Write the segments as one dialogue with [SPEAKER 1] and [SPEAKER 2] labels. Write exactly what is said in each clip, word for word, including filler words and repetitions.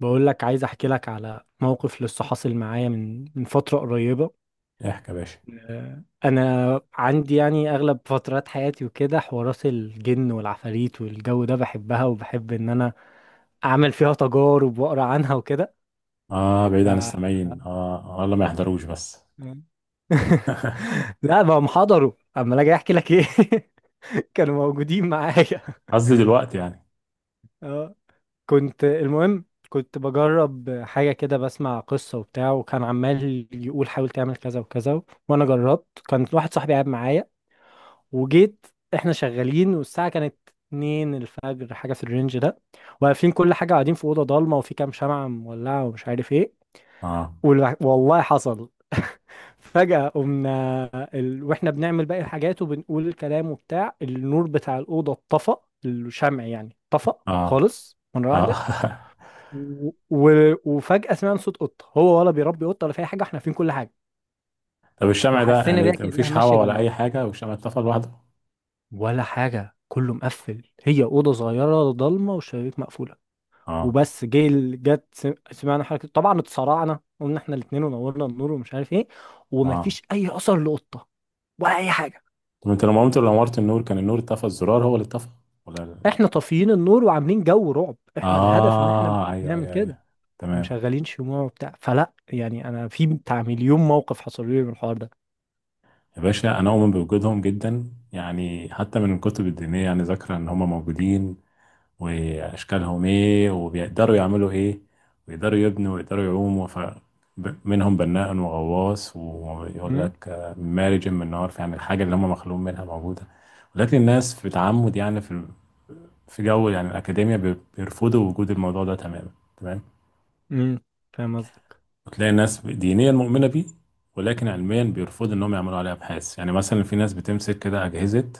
[SPEAKER 1] بقول لك عايز احكي لك على موقف لسه حاصل معايا من من فترة قريبة.
[SPEAKER 2] احكي يا باشا.
[SPEAKER 1] آه، انا عندي يعني اغلب فترات حياتي وكده حوارات الجن والعفاريت والجو ده بحبها وبحب ان انا اعمل فيها تجارب واقرا عنها وكده.
[SPEAKER 2] اه، بعيد
[SPEAKER 1] ف...
[SPEAKER 2] عن السامعين، اه، والله ما يحضروش بس.
[SPEAKER 1] لا بقى محضروا اما اجي احكي لك ايه. كانوا موجودين معايا.
[SPEAKER 2] قصدي دلوقتي يعني.
[SPEAKER 1] اه، كنت المهم كنت بجرب حاجة كده، بسمع قصة وبتاع، وكان عمال يقول حاول تعمل كذا وكذا، وأنا جربت. كان واحد صاحبي قاعد معايا، وجيت. إحنا شغالين والساعة كانت اتنين الفجر، حاجة في الرينج ده. واقفين كل حاجة، قاعدين في أوضة ضلمة وفي كام شمعة مولعة ومش عارف إيه.
[SPEAKER 2] اه.
[SPEAKER 1] والع- والله حصل. فجأة قمنا، ال... واحنا بنعمل باقي الحاجات وبنقول الكلام وبتاع، النور بتاع الأوضة اتطفى. الشمع يعني اتطفى
[SPEAKER 2] اه.
[SPEAKER 1] خالص مرة
[SPEAKER 2] اه.
[SPEAKER 1] واحدة. و... و- وفجأة سمعنا صوت قطة. هو ولا بيربي قطة، ولا في أي حاجة، احنا فين، كل حاجة.
[SPEAKER 2] طب الشمع ده
[SPEAKER 1] وحسينا
[SPEAKER 2] يعني
[SPEAKER 1] بيها كأنها
[SPEAKER 2] مفيش
[SPEAKER 1] ماشية
[SPEAKER 2] هوا ولا اي
[SPEAKER 1] جنبنا،
[SPEAKER 2] حاجه والشمع اتطفى لوحده؟
[SPEAKER 1] ولا حاجة، كله مقفل، هي أوضة صغيرة ضلمة والشبابيك مقفولة.
[SPEAKER 2] اه.
[SPEAKER 1] وبس جه ال- جت سم- سمعنا حركة. طبعا اتسرعنا، قلنا احنا الاتنين ونورنا النور ومش عارف ايه،
[SPEAKER 2] اه.
[SPEAKER 1] ومفيش أي أثر لقطة ولا أي حاجة.
[SPEAKER 2] طب انت لما قمت لو نورت النور كان النور اتطفى، الزرار هو اللي اتطفى ولا ال-
[SPEAKER 1] احنا طافيين النور وعاملين جو رعب، احنا الهدف ان احنا
[SPEAKER 2] اه، ايوه
[SPEAKER 1] بنعمل
[SPEAKER 2] ايوه
[SPEAKER 1] كده
[SPEAKER 2] ايوه. تمام.
[SPEAKER 1] ومشغلين شموع وبتاع، فلا يعني انا في بتاع مليون موقف حصل لي من الحوار
[SPEAKER 2] يا باشا انا اؤمن بوجودهم جدا، يعني حتى من الكتب الدينيه، يعني ذاكره ان هم موجودين واشكالهم ايه وبيقدروا يعملوا ايه ويقدروا يبنوا ويقدروا يعوموا. ف ب- منهم بناء وغواص ويقول
[SPEAKER 1] ده.
[SPEAKER 2] لك آه، مارج من نار، يعني الحاجه اللي هم مخلوق منها موجوده. ولكن الناس بتعمد، يعني في في جو، يعني الاكاديميه بي- بيرفضوا وجود الموضوع ده تماما. تمام.
[SPEAKER 1] امم. فاهم قصدك.
[SPEAKER 2] وتلاقي الناس دينيا مؤمنه بيه، ولكن علميا بيرفضوا انهم يعملوا عليه ابحاث. يعني مثلا في ناس بتمسك كده اجهزه،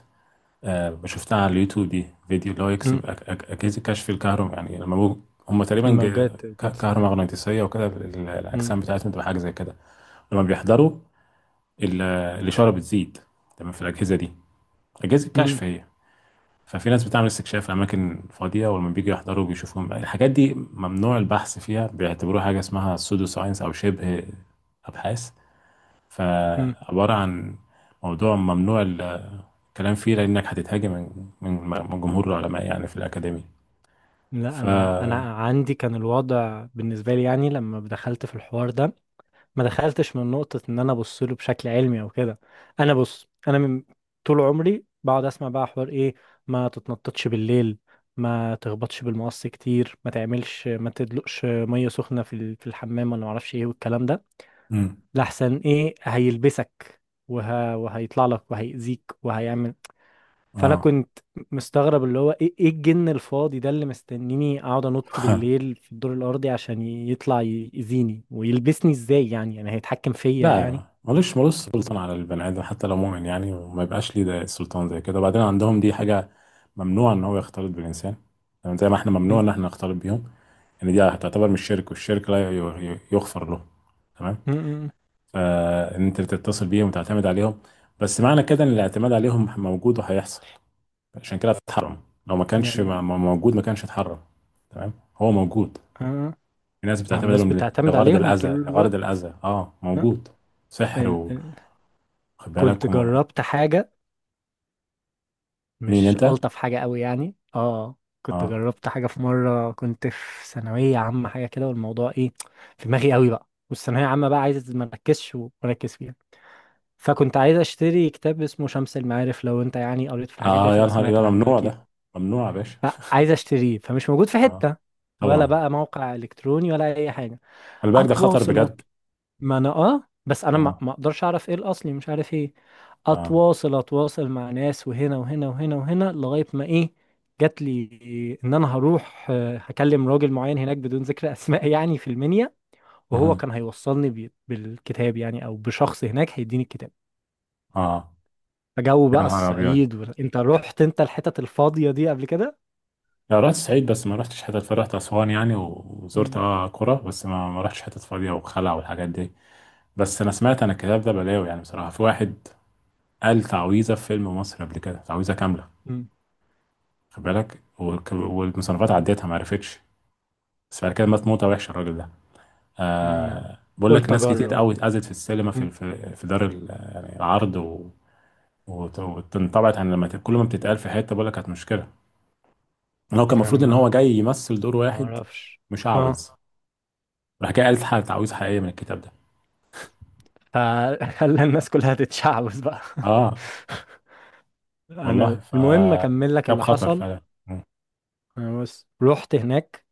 [SPEAKER 2] آه، شفتها على اليوتيوب دي فيديو اللي هو يكسب
[SPEAKER 1] امم.
[SPEAKER 2] أك- أك- أجهزة كشف الكهرباء، يعني لما بو- هم تقريبا ج-
[SPEAKER 1] الموجات
[SPEAKER 2] ك-
[SPEAKER 1] كده.
[SPEAKER 2] كهرومغناطيسية وكده ال- ال-
[SPEAKER 1] امم.
[SPEAKER 2] الأجسام بتاعتهم بتبقى حاجة زي كده لما بيحضروا ال- الإشارة بتزيد. تمام، في الأجهزة دي أجهزة
[SPEAKER 1] امم.
[SPEAKER 2] كشف هي. ففي ناس بتعمل استكشاف في أماكن فاضية، ولما بيجوا يحضروا بيشوفوهم. الحاجات دي ممنوع البحث فيها، بيعتبروها حاجة اسمها سودو ساينس أو شبه أبحاث.
[SPEAKER 1] امم.
[SPEAKER 2] فعبارة عن موضوع ممنوع كلام فيه لانك هتتهاجم من من من جمهور العلماء، يعني في الاكاديميه.
[SPEAKER 1] لا،
[SPEAKER 2] ف.
[SPEAKER 1] انا انا عندي كان الوضع بالنسبه لي يعني لما دخلت في الحوار ده، ما دخلتش من نقطه ان انا ابص له بشكل علمي او كده. انا بص، انا من طول عمري بقعد اسمع بقى حوار ايه، ما تتنططش بالليل، ما تخبطش بالمقص كتير، ما تعملش، ما تدلقش ميه سخنه في ال- في الحمام، ولا ما اعرفش ايه والكلام ده،
[SPEAKER 2] امم.
[SPEAKER 1] لحسن ايه هيلبسك وه... وهيطلع لك وهيأذيك وهيعمل. فانا
[SPEAKER 2] اه،
[SPEAKER 1] كنت مستغرب، اللي هو ايه، ايه الجن الفاضي ده اللي مستنيني اقعد انط بالليل في الدور الارضي عشان ي- يطلع ي- يأذيني ويلبسني، ازاي يعني يعني هيتحكم فيا
[SPEAKER 2] لا
[SPEAKER 1] يعني.
[SPEAKER 2] ملوش، ملوش سلطان على البني ادم حتى لو مؤمن، يعني وما يبقاش ليه ده سلطان زي كده. وبعدين عندهم دي حاجه ممنوع ان هو يختلط بالانسان، يعني زي ما احنا ممنوع
[SPEAKER 1] م-
[SPEAKER 2] ان احنا نختلط بيهم. يعني دي هتعتبر من الشرك، والشرك لا ي- ي- يغفر له. تمام.
[SPEAKER 1] م- م-
[SPEAKER 2] فان انت تتصل بيهم وتعتمد عليهم. بس معنى كده ان الاعتماد عليهم موجود وهيحصل، عشان كده اتحرم. لو ما كانش م-
[SPEAKER 1] يعني.
[SPEAKER 2] م- موجود ما كانش اتحرم. تمام، هو موجود.
[SPEAKER 1] آه.
[SPEAKER 2] في ناس
[SPEAKER 1] ما هو
[SPEAKER 2] بتعتبر
[SPEAKER 1] الناس
[SPEAKER 2] ل-
[SPEAKER 1] بتعتمد
[SPEAKER 2] لغرض
[SPEAKER 1] عليهم طول
[SPEAKER 2] الأذى، لغرض
[SPEAKER 1] الوقت.
[SPEAKER 2] الأذى، اه
[SPEAKER 1] آه.
[SPEAKER 2] موجود سحر،
[SPEAKER 1] ال...
[SPEAKER 2] وخد
[SPEAKER 1] ال...
[SPEAKER 2] بالك
[SPEAKER 1] كنت
[SPEAKER 2] و...
[SPEAKER 1] جربت حاجة
[SPEAKER 2] مين
[SPEAKER 1] مش
[SPEAKER 2] انت.
[SPEAKER 1] ألطف حاجة قوي يعني. اه، كنت
[SPEAKER 2] اه.
[SPEAKER 1] جربت حاجة في مرة، كنت في ثانوية عامة حاجة كده، والموضوع ايه، في دماغي قوي بقى والثانوية عامة بقى، عايز ما اركزش واركز فيها. فكنت عايز اشتري كتاب اسمه شمس المعارف، لو انت يعني قريت في الحاجات دي
[SPEAKER 2] اه، يا
[SPEAKER 1] هتبقى
[SPEAKER 2] نهار، إيه
[SPEAKER 1] سمعت
[SPEAKER 2] ده؟
[SPEAKER 1] عنه
[SPEAKER 2] ممنوع
[SPEAKER 1] اكيد.
[SPEAKER 2] ده، ممنوع يا باشا.
[SPEAKER 1] فعايز اشتريه فمش موجود في
[SPEAKER 2] اه.
[SPEAKER 1] حتة، ولا
[SPEAKER 2] طبعا.
[SPEAKER 1] بقى موقع الكتروني ولا اي حاجة.
[SPEAKER 2] خلي بالك ده خطر
[SPEAKER 1] اتواصل،
[SPEAKER 2] بجد.
[SPEAKER 1] أت... ما انا اه، بس انا ما
[SPEAKER 2] اه.
[SPEAKER 1] ما اقدرش اعرف ايه الاصلي، مش عارف ايه.
[SPEAKER 2] اه.
[SPEAKER 1] اتواصل اتواصل مع ناس وهنا وهنا وهنا وهنا لغاية ما ايه، جات لي ان انا هروح، آه، هكلم راجل معين هناك بدون ذكر اسماء يعني في المنيا، وهو
[SPEAKER 2] اه.
[SPEAKER 1] كان هيوصلني بي- بالكتاب يعني، او بشخص هناك هيديني الكتاب.
[SPEAKER 2] آه.
[SPEAKER 1] جو
[SPEAKER 2] يا
[SPEAKER 1] بقى
[SPEAKER 2] نهار أبيض.
[SPEAKER 1] الصعيد. و... انت رحت انت الحتت الفاضية دي قبل كده؟
[SPEAKER 2] لا، رحت الصعيد بس ما رحتش حتت، فرحت أسوان يعني، و- وزرت
[SPEAKER 1] مم.
[SPEAKER 2] اه قرى بس ما ما رحتش حتت فاضية وخلع والحاجات دي. بس أنا سمعت، أنا الكتاب ده بلاوي يعني، بصراحة في واحد قال تعويذة في فيلم مصر قبل كده، تعويذة كاملة.
[SPEAKER 1] مم.
[SPEAKER 2] خد بالك، والك- والمصنفات عدتها ما عرفتش. بس بعد كده مات موتة وحشة الراجل ده.
[SPEAKER 1] لا، انا
[SPEAKER 2] آه بقول لك
[SPEAKER 1] قلت
[SPEAKER 2] ناس كتير
[SPEAKER 1] اجرب.
[SPEAKER 2] قوي اتأذت في السينما،
[SPEAKER 1] مم.
[SPEAKER 2] في في, في دار ال- يعني العرض. و وت- واتنطبعت عن لما ت- كل ما بتتقال في حتة بقول لك كانت مشكلة. لو كان
[SPEAKER 1] انا
[SPEAKER 2] المفروض ان
[SPEAKER 1] ما
[SPEAKER 2] هو جاي يمثل دور
[SPEAKER 1] ما
[SPEAKER 2] واحد
[SPEAKER 1] اعرفش.
[SPEAKER 2] مش
[SPEAKER 1] اه.
[SPEAKER 2] عاوز، راح جاي قال حاجة تعويذة حقيقية من الكتاب ده.
[SPEAKER 1] فخلى الناس كلها تتشعبط بقى.
[SPEAKER 2] اه.
[SPEAKER 1] انا
[SPEAKER 2] والله
[SPEAKER 1] المهم اكمل لك
[SPEAKER 2] فكتاب
[SPEAKER 1] اللي
[SPEAKER 2] خطر
[SPEAKER 1] حصل.
[SPEAKER 2] فعلا.
[SPEAKER 1] انا بس رحت هناك،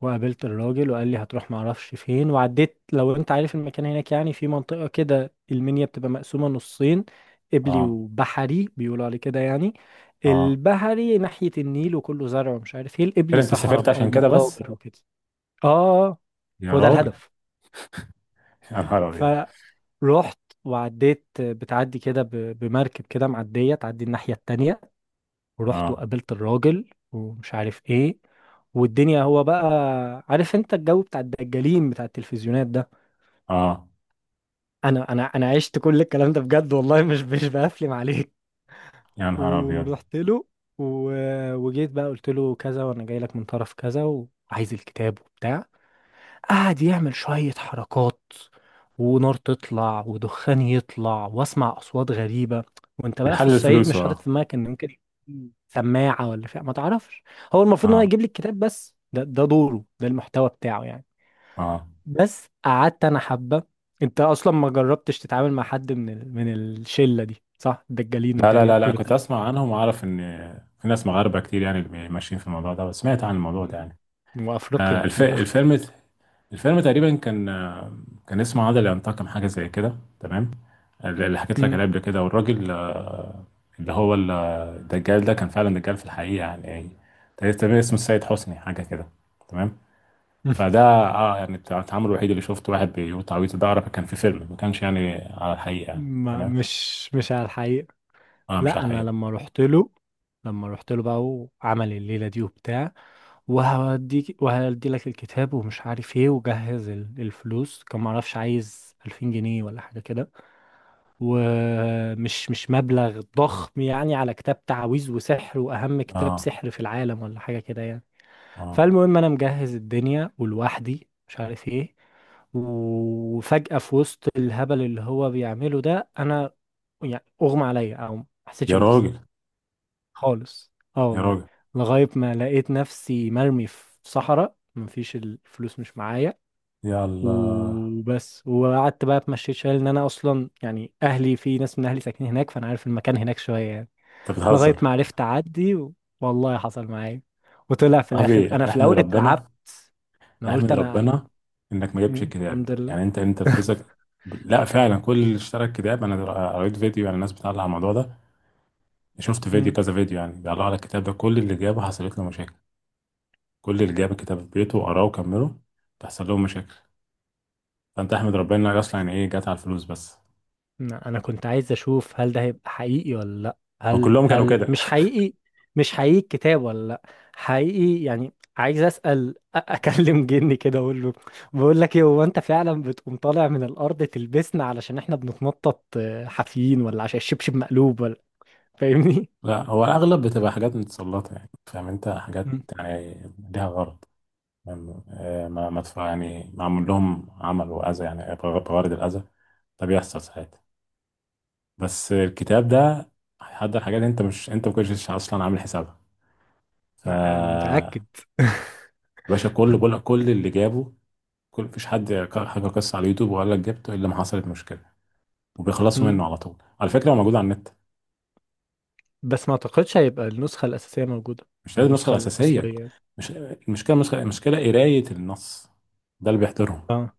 [SPEAKER 1] وقابلت الراجل وقال لي هتروح معرفش فين، وعديت. لو انت عارف المكان هناك يعني، في منطقة كده المنيا بتبقى مقسومة نصين، قبلي
[SPEAKER 2] اه.
[SPEAKER 1] وبحري بيقولوا عليه كده يعني.
[SPEAKER 2] اه،
[SPEAKER 1] البحري ناحية النيل وكله زرع ومش عارف ايه،
[SPEAKER 2] كده
[SPEAKER 1] القبلي
[SPEAKER 2] انت
[SPEAKER 1] صحراء
[SPEAKER 2] سافرت
[SPEAKER 1] بقى
[SPEAKER 2] عشان كده بس؟
[SPEAKER 1] ومقابر وكده. اه.
[SPEAKER 2] يا
[SPEAKER 1] هو ده
[SPEAKER 2] راجل.
[SPEAKER 1] الهدف.
[SPEAKER 2] يا نهار ابيض.
[SPEAKER 1] فروحت وعديت، بتعدي كده ب- بمركب كده معدية، تعدي الناحية التانية. ورحت
[SPEAKER 2] اه.
[SPEAKER 1] وقابلت الراجل ومش عارف ايه، والدنيا هو بقى، عارف انت الجو بتاع الدجالين بتاع التلفزيونات ده.
[SPEAKER 2] اه.
[SPEAKER 1] انا انا انا عشت كل الكلام ده بجد والله، مش مش بقفلم عليك.
[SPEAKER 2] يا نهار ابيض.
[SPEAKER 1] ورحت له. و... وجيت بقى، قلت له كذا وانا جاي لك من طرف كذا وعايز الكتاب وبتاع. قعد يعمل شوية حركات، ونار تطلع ودخان يطلع، واسمع اصوات غريبة. وانت بقى في
[SPEAKER 2] بيحلل
[SPEAKER 1] الصعيد
[SPEAKER 2] فلوسه
[SPEAKER 1] مش حاطط
[SPEAKER 2] اه.
[SPEAKER 1] في دماغك ان ممكن يكون سماعة ولا فيها، ما تعرفش. هو المفروض ان هو
[SPEAKER 2] اه.
[SPEAKER 1] يجيب لي الكتاب بس، ده ده دوره، ده المحتوى بتاعه يعني.
[SPEAKER 2] اه.
[SPEAKER 1] بس قعدت انا حبة. انت اصلا ما جربتش تتعامل مع حد من ال... من الشلة دي صح، الدجالين
[SPEAKER 2] لا لا
[SPEAKER 1] والجريان
[SPEAKER 2] لا لا، كنت اسمع عنهم واعرف ان في ناس مغاربه كتير يعني اللي ماشيين في الموضوع ده، بس سمعت عن الموضوع ده يعني. آه
[SPEAKER 1] وافريقيا
[SPEAKER 2] الف...
[SPEAKER 1] من تحت.
[SPEAKER 2] الفيلم الفيلم تقريبا كان آه، كان اسمه عادل ينتقم، حاجه زي كده. تمام، اللي حكيت لك
[SPEAKER 1] مم.
[SPEAKER 2] عليه قبل كده، والراجل آه، اللي هو ال- الدجال ده كان فعلا دجال في الحقيقه يعني. يعني تقريبا اسمه السيد حسني حاجه كده. تمام. فده اه، يعني التعامل الوحيد اللي شفته واحد بيقول تعويذه، ده اعرف كان في فيلم ما كانش يعني على الحقيقه يعني.
[SPEAKER 1] ما
[SPEAKER 2] تمام.
[SPEAKER 1] مش مش على الحقيقة.
[SPEAKER 2] اه مش
[SPEAKER 1] لا،
[SPEAKER 2] على
[SPEAKER 1] انا
[SPEAKER 2] الحقيقه.
[SPEAKER 1] لما رحت له، لما رحت له بقى، وعمل الليله دي وبتاع، وهوديك وهدي لك الكتاب ومش عارف ايه، وجهز ال- الفلوس. كان معرفش، عايز ألفين جنيه ولا حاجه كده، ومش مش مبلغ ضخم يعني على كتاب تعاويذ وسحر واهم كتاب
[SPEAKER 2] اه.
[SPEAKER 1] سحر في العالم ولا حاجه كده يعني.
[SPEAKER 2] اه،
[SPEAKER 1] فالمهم انا مجهز الدنيا ولوحدي مش عارف ايه، وفجأة في وسط الهبل اللي هو بيعمله ده، انا يعني اغمى عليا او ما حسيتش
[SPEAKER 2] يا
[SPEAKER 1] بنفسي
[SPEAKER 2] راجل.
[SPEAKER 1] خالص. اه
[SPEAKER 2] يا
[SPEAKER 1] والله.
[SPEAKER 2] راجل.
[SPEAKER 1] لغاية ما لقيت نفسي مرمي في صحراء، مفيش، الفلوس مش معايا
[SPEAKER 2] يا الله.
[SPEAKER 1] وبس. وقعدت بقى اتمشيت شويه، لان انا اصلا يعني اهلي، في ناس من اهلي ساكنين هناك فانا عارف المكان هناك شويه يعني،
[SPEAKER 2] انت
[SPEAKER 1] لغايه
[SPEAKER 2] بتهزر؟
[SPEAKER 1] ما عرفت اعدي. و... والله حصل معايا. وطلع في الاخر،
[SPEAKER 2] صاحبي
[SPEAKER 1] انا في
[SPEAKER 2] احمد
[SPEAKER 1] الاول اترعبت.
[SPEAKER 2] ربنا.
[SPEAKER 1] انا قلت
[SPEAKER 2] احمد
[SPEAKER 1] انا انا.
[SPEAKER 2] ربنا انك ما جبتش
[SPEAKER 1] مم، الحمد
[SPEAKER 2] الكتاب
[SPEAKER 1] لله.
[SPEAKER 2] يعني، انت انت فلوسك. لا فعلا، كل اللي اشترى الكتاب، انا قريت فيديو يعني، الناس بتعلق على الموضوع ده. شفت فيديو،
[SPEAKER 1] مم.
[SPEAKER 2] كذا فيديو، يعني بيعلقوا على الكتاب ده. كل اللي جابه حصلت له مشاكل. كل اللي جاب الكتاب في بيته وقراه وكمله تحصل لهم مشاكل. فانت احمد ربنا انك اصلا يعني ايه، جت على الفلوس بس.
[SPEAKER 1] انا أنا كنت عايز اشوف هل ده هيبقى حقيقي ولا لا،
[SPEAKER 2] هو
[SPEAKER 1] هل
[SPEAKER 2] كلهم كانوا
[SPEAKER 1] هل
[SPEAKER 2] كده.
[SPEAKER 1] مش حقيقي، مش حقيقي الكتاب ولا لا، حقيقي. يعني عايز اسال، أ- اكلم جني كده اقول له، بقول لك ايه، هو انت فعلا بتقوم طالع من الارض تلبسنا علشان احنا بنتنطط آه، حافيين ولا عشان الشبشب مقلوب ولا. فاهمني.
[SPEAKER 2] لا، هو الاغلب بتبقى حاجات متسلطه، يعني فاهم انت؟ حاجات
[SPEAKER 1] مم.
[SPEAKER 2] يعني ليها غرض. فاهم؟ آه، ما ما تف- يعني معمول لهم عمل واذى، يعني بغ- بغرض الاذى. ده بيحصل ساعات. بس الكتاب ده هيحضر حاجات انت مش، انت ما كنتش اصلا عامل حسابها. ف.
[SPEAKER 1] لا، انا متاكد.
[SPEAKER 2] باشا، كل بقول كل اللي جابه، كل مفيش حد حكى قصه على اليوتيوب وقال لك جبته الا ما حصلت مشكله. وبيخلصوا
[SPEAKER 1] مم.
[SPEAKER 2] منه على طول، على فكره هو موجود على النت.
[SPEAKER 1] بس ما اعتقدش هيبقى النسخه الاساسيه موجوده،
[SPEAKER 2] مش لازم النسخة
[SPEAKER 1] النسخه
[SPEAKER 2] الأساسية.
[SPEAKER 1] الاصليه.
[SPEAKER 2] مش المشكلة، مش المشكلة قراية النص. ده اللي بيحترهم،
[SPEAKER 1] اه.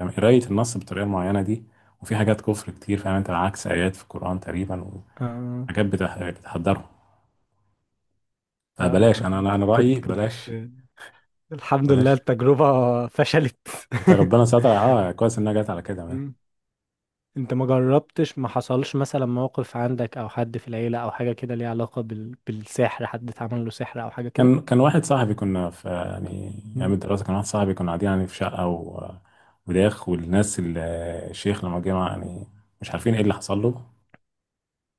[SPEAKER 2] يعني قراية النص بالطريقة المعينة دي. وفي حاجات كفر كتير، فاهم انت، عكس آيات في القرآن تقريبا.
[SPEAKER 1] آه.
[SPEAKER 2] وحاجات بتح- بتحضرهم.
[SPEAKER 1] لا،
[SPEAKER 2] فبلاش، أنا
[SPEAKER 1] ما
[SPEAKER 2] أنا أنا
[SPEAKER 1] كنت
[SPEAKER 2] رأيي
[SPEAKER 1] كنت
[SPEAKER 2] بلاش.
[SPEAKER 1] الحمد لله
[SPEAKER 2] بلاش.
[SPEAKER 1] التجربة فشلت.
[SPEAKER 2] أنت ربنا ستر، أه كويس إنها جت على كده مان.
[SPEAKER 1] مم. انت ما جربتش، ما حصلش مثلا موقف عندك او حد في العيلة او حاجة كده ليها علاقة بال... بالسحر، حد اتعمل له سحر او حاجة كده؟
[SPEAKER 2] كان كان واحد صاحبي كنا في يعني أيام
[SPEAKER 1] مم.
[SPEAKER 2] الدراسة، كان واحد صاحبي كنا قاعدين يعني في شقة، و... وداخ، والناس ال- الشيخ لما جه يعني، مش عارفين إيه اللي حصل له.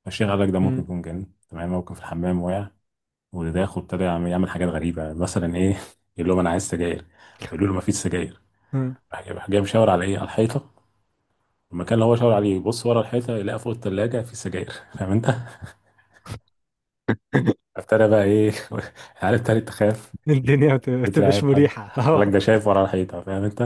[SPEAKER 2] ماشي غلك ده، ممكن
[SPEAKER 1] مم.
[SPEAKER 2] يكون جن. تمام. ممكن في الحمام وقع وداخل، ابتدى يعمل يعمل حاجات غريبة مثلا ايه. يقول لهم انا عايز سجاير، فيقولوا له مفيش سجاير.
[SPEAKER 1] مم.
[SPEAKER 2] راح جاي راح جاي مشاور على ايه، على الحيطة. المكان اللي هو شاور عليه يبص ورا الحيطة يلاقي فوق التلاجة في سجاير. فاهم انت. ابتدى بقى ايه. عارف تاني تخاف،
[SPEAKER 1] الدنيا ما بت- ما بتبقاش
[SPEAKER 2] بترعب. قال
[SPEAKER 1] مريحة.
[SPEAKER 2] قال
[SPEAKER 1] اه.
[SPEAKER 2] لك ده شايف ورا الحيطة فاهم انت.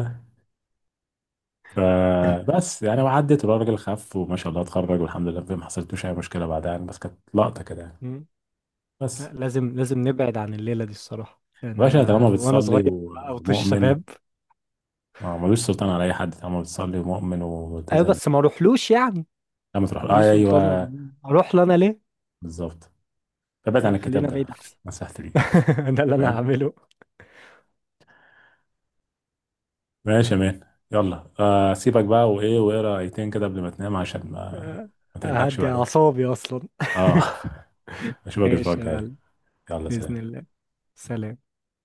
[SPEAKER 2] فبس يعني، وعدت، والراجل خف وما شاء الله اتخرج والحمد لله، ما حصلتوش اي مشكلة بعدها يعني، بس كانت لقطة كده يعني.
[SPEAKER 1] مم.
[SPEAKER 2] بس.
[SPEAKER 1] لا، لازم لازم نبعد عن الليلة دي الصراحة يعني،
[SPEAKER 2] باشا، طالما
[SPEAKER 1] انا وانا
[SPEAKER 2] بتصلي
[SPEAKER 1] صغير او طش
[SPEAKER 2] ومؤمن،
[SPEAKER 1] شباب.
[SPEAKER 2] اه ملوش سلطان على اي حد طالما بتصلي ومؤمن
[SPEAKER 1] ايوه
[SPEAKER 2] وملتزم.
[SPEAKER 1] بس ما اروحلوش يعني،
[SPEAKER 2] لما تروح آه،
[SPEAKER 1] ليه سلطان،
[SPEAKER 2] ايوه.
[SPEAKER 1] اروح له انا ليه.
[SPEAKER 2] بالظبط. فبعد عن
[SPEAKER 1] لا،
[SPEAKER 2] الكتاب
[SPEAKER 1] خلينا
[SPEAKER 2] ده.
[SPEAKER 1] بعيد احسن.
[SPEAKER 2] نصيحتي ليك.
[SPEAKER 1] ده اللي انا
[SPEAKER 2] تمام.
[SPEAKER 1] هعمله.
[SPEAKER 2] ماشي يا مان. يلا آه، سيبك بقى وايه، واقرا ايتين كده قبل ما تنام عشان ما
[SPEAKER 1] آه،
[SPEAKER 2] ما تقلقش
[SPEAKER 1] هدي
[SPEAKER 2] بعدين.
[SPEAKER 1] أعصابي أصلا.
[SPEAKER 2] اه. اشوفك الاسبوع
[SPEAKER 1] ماشي يا
[SPEAKER 2] الجاي.
[SPEAKER 1] معلم.
[SPEAKER 2] يلا
[SPEAKER 1] بإذن
[SPEAKER 2] سلام.
[SPEAKER 1] الله. سلام.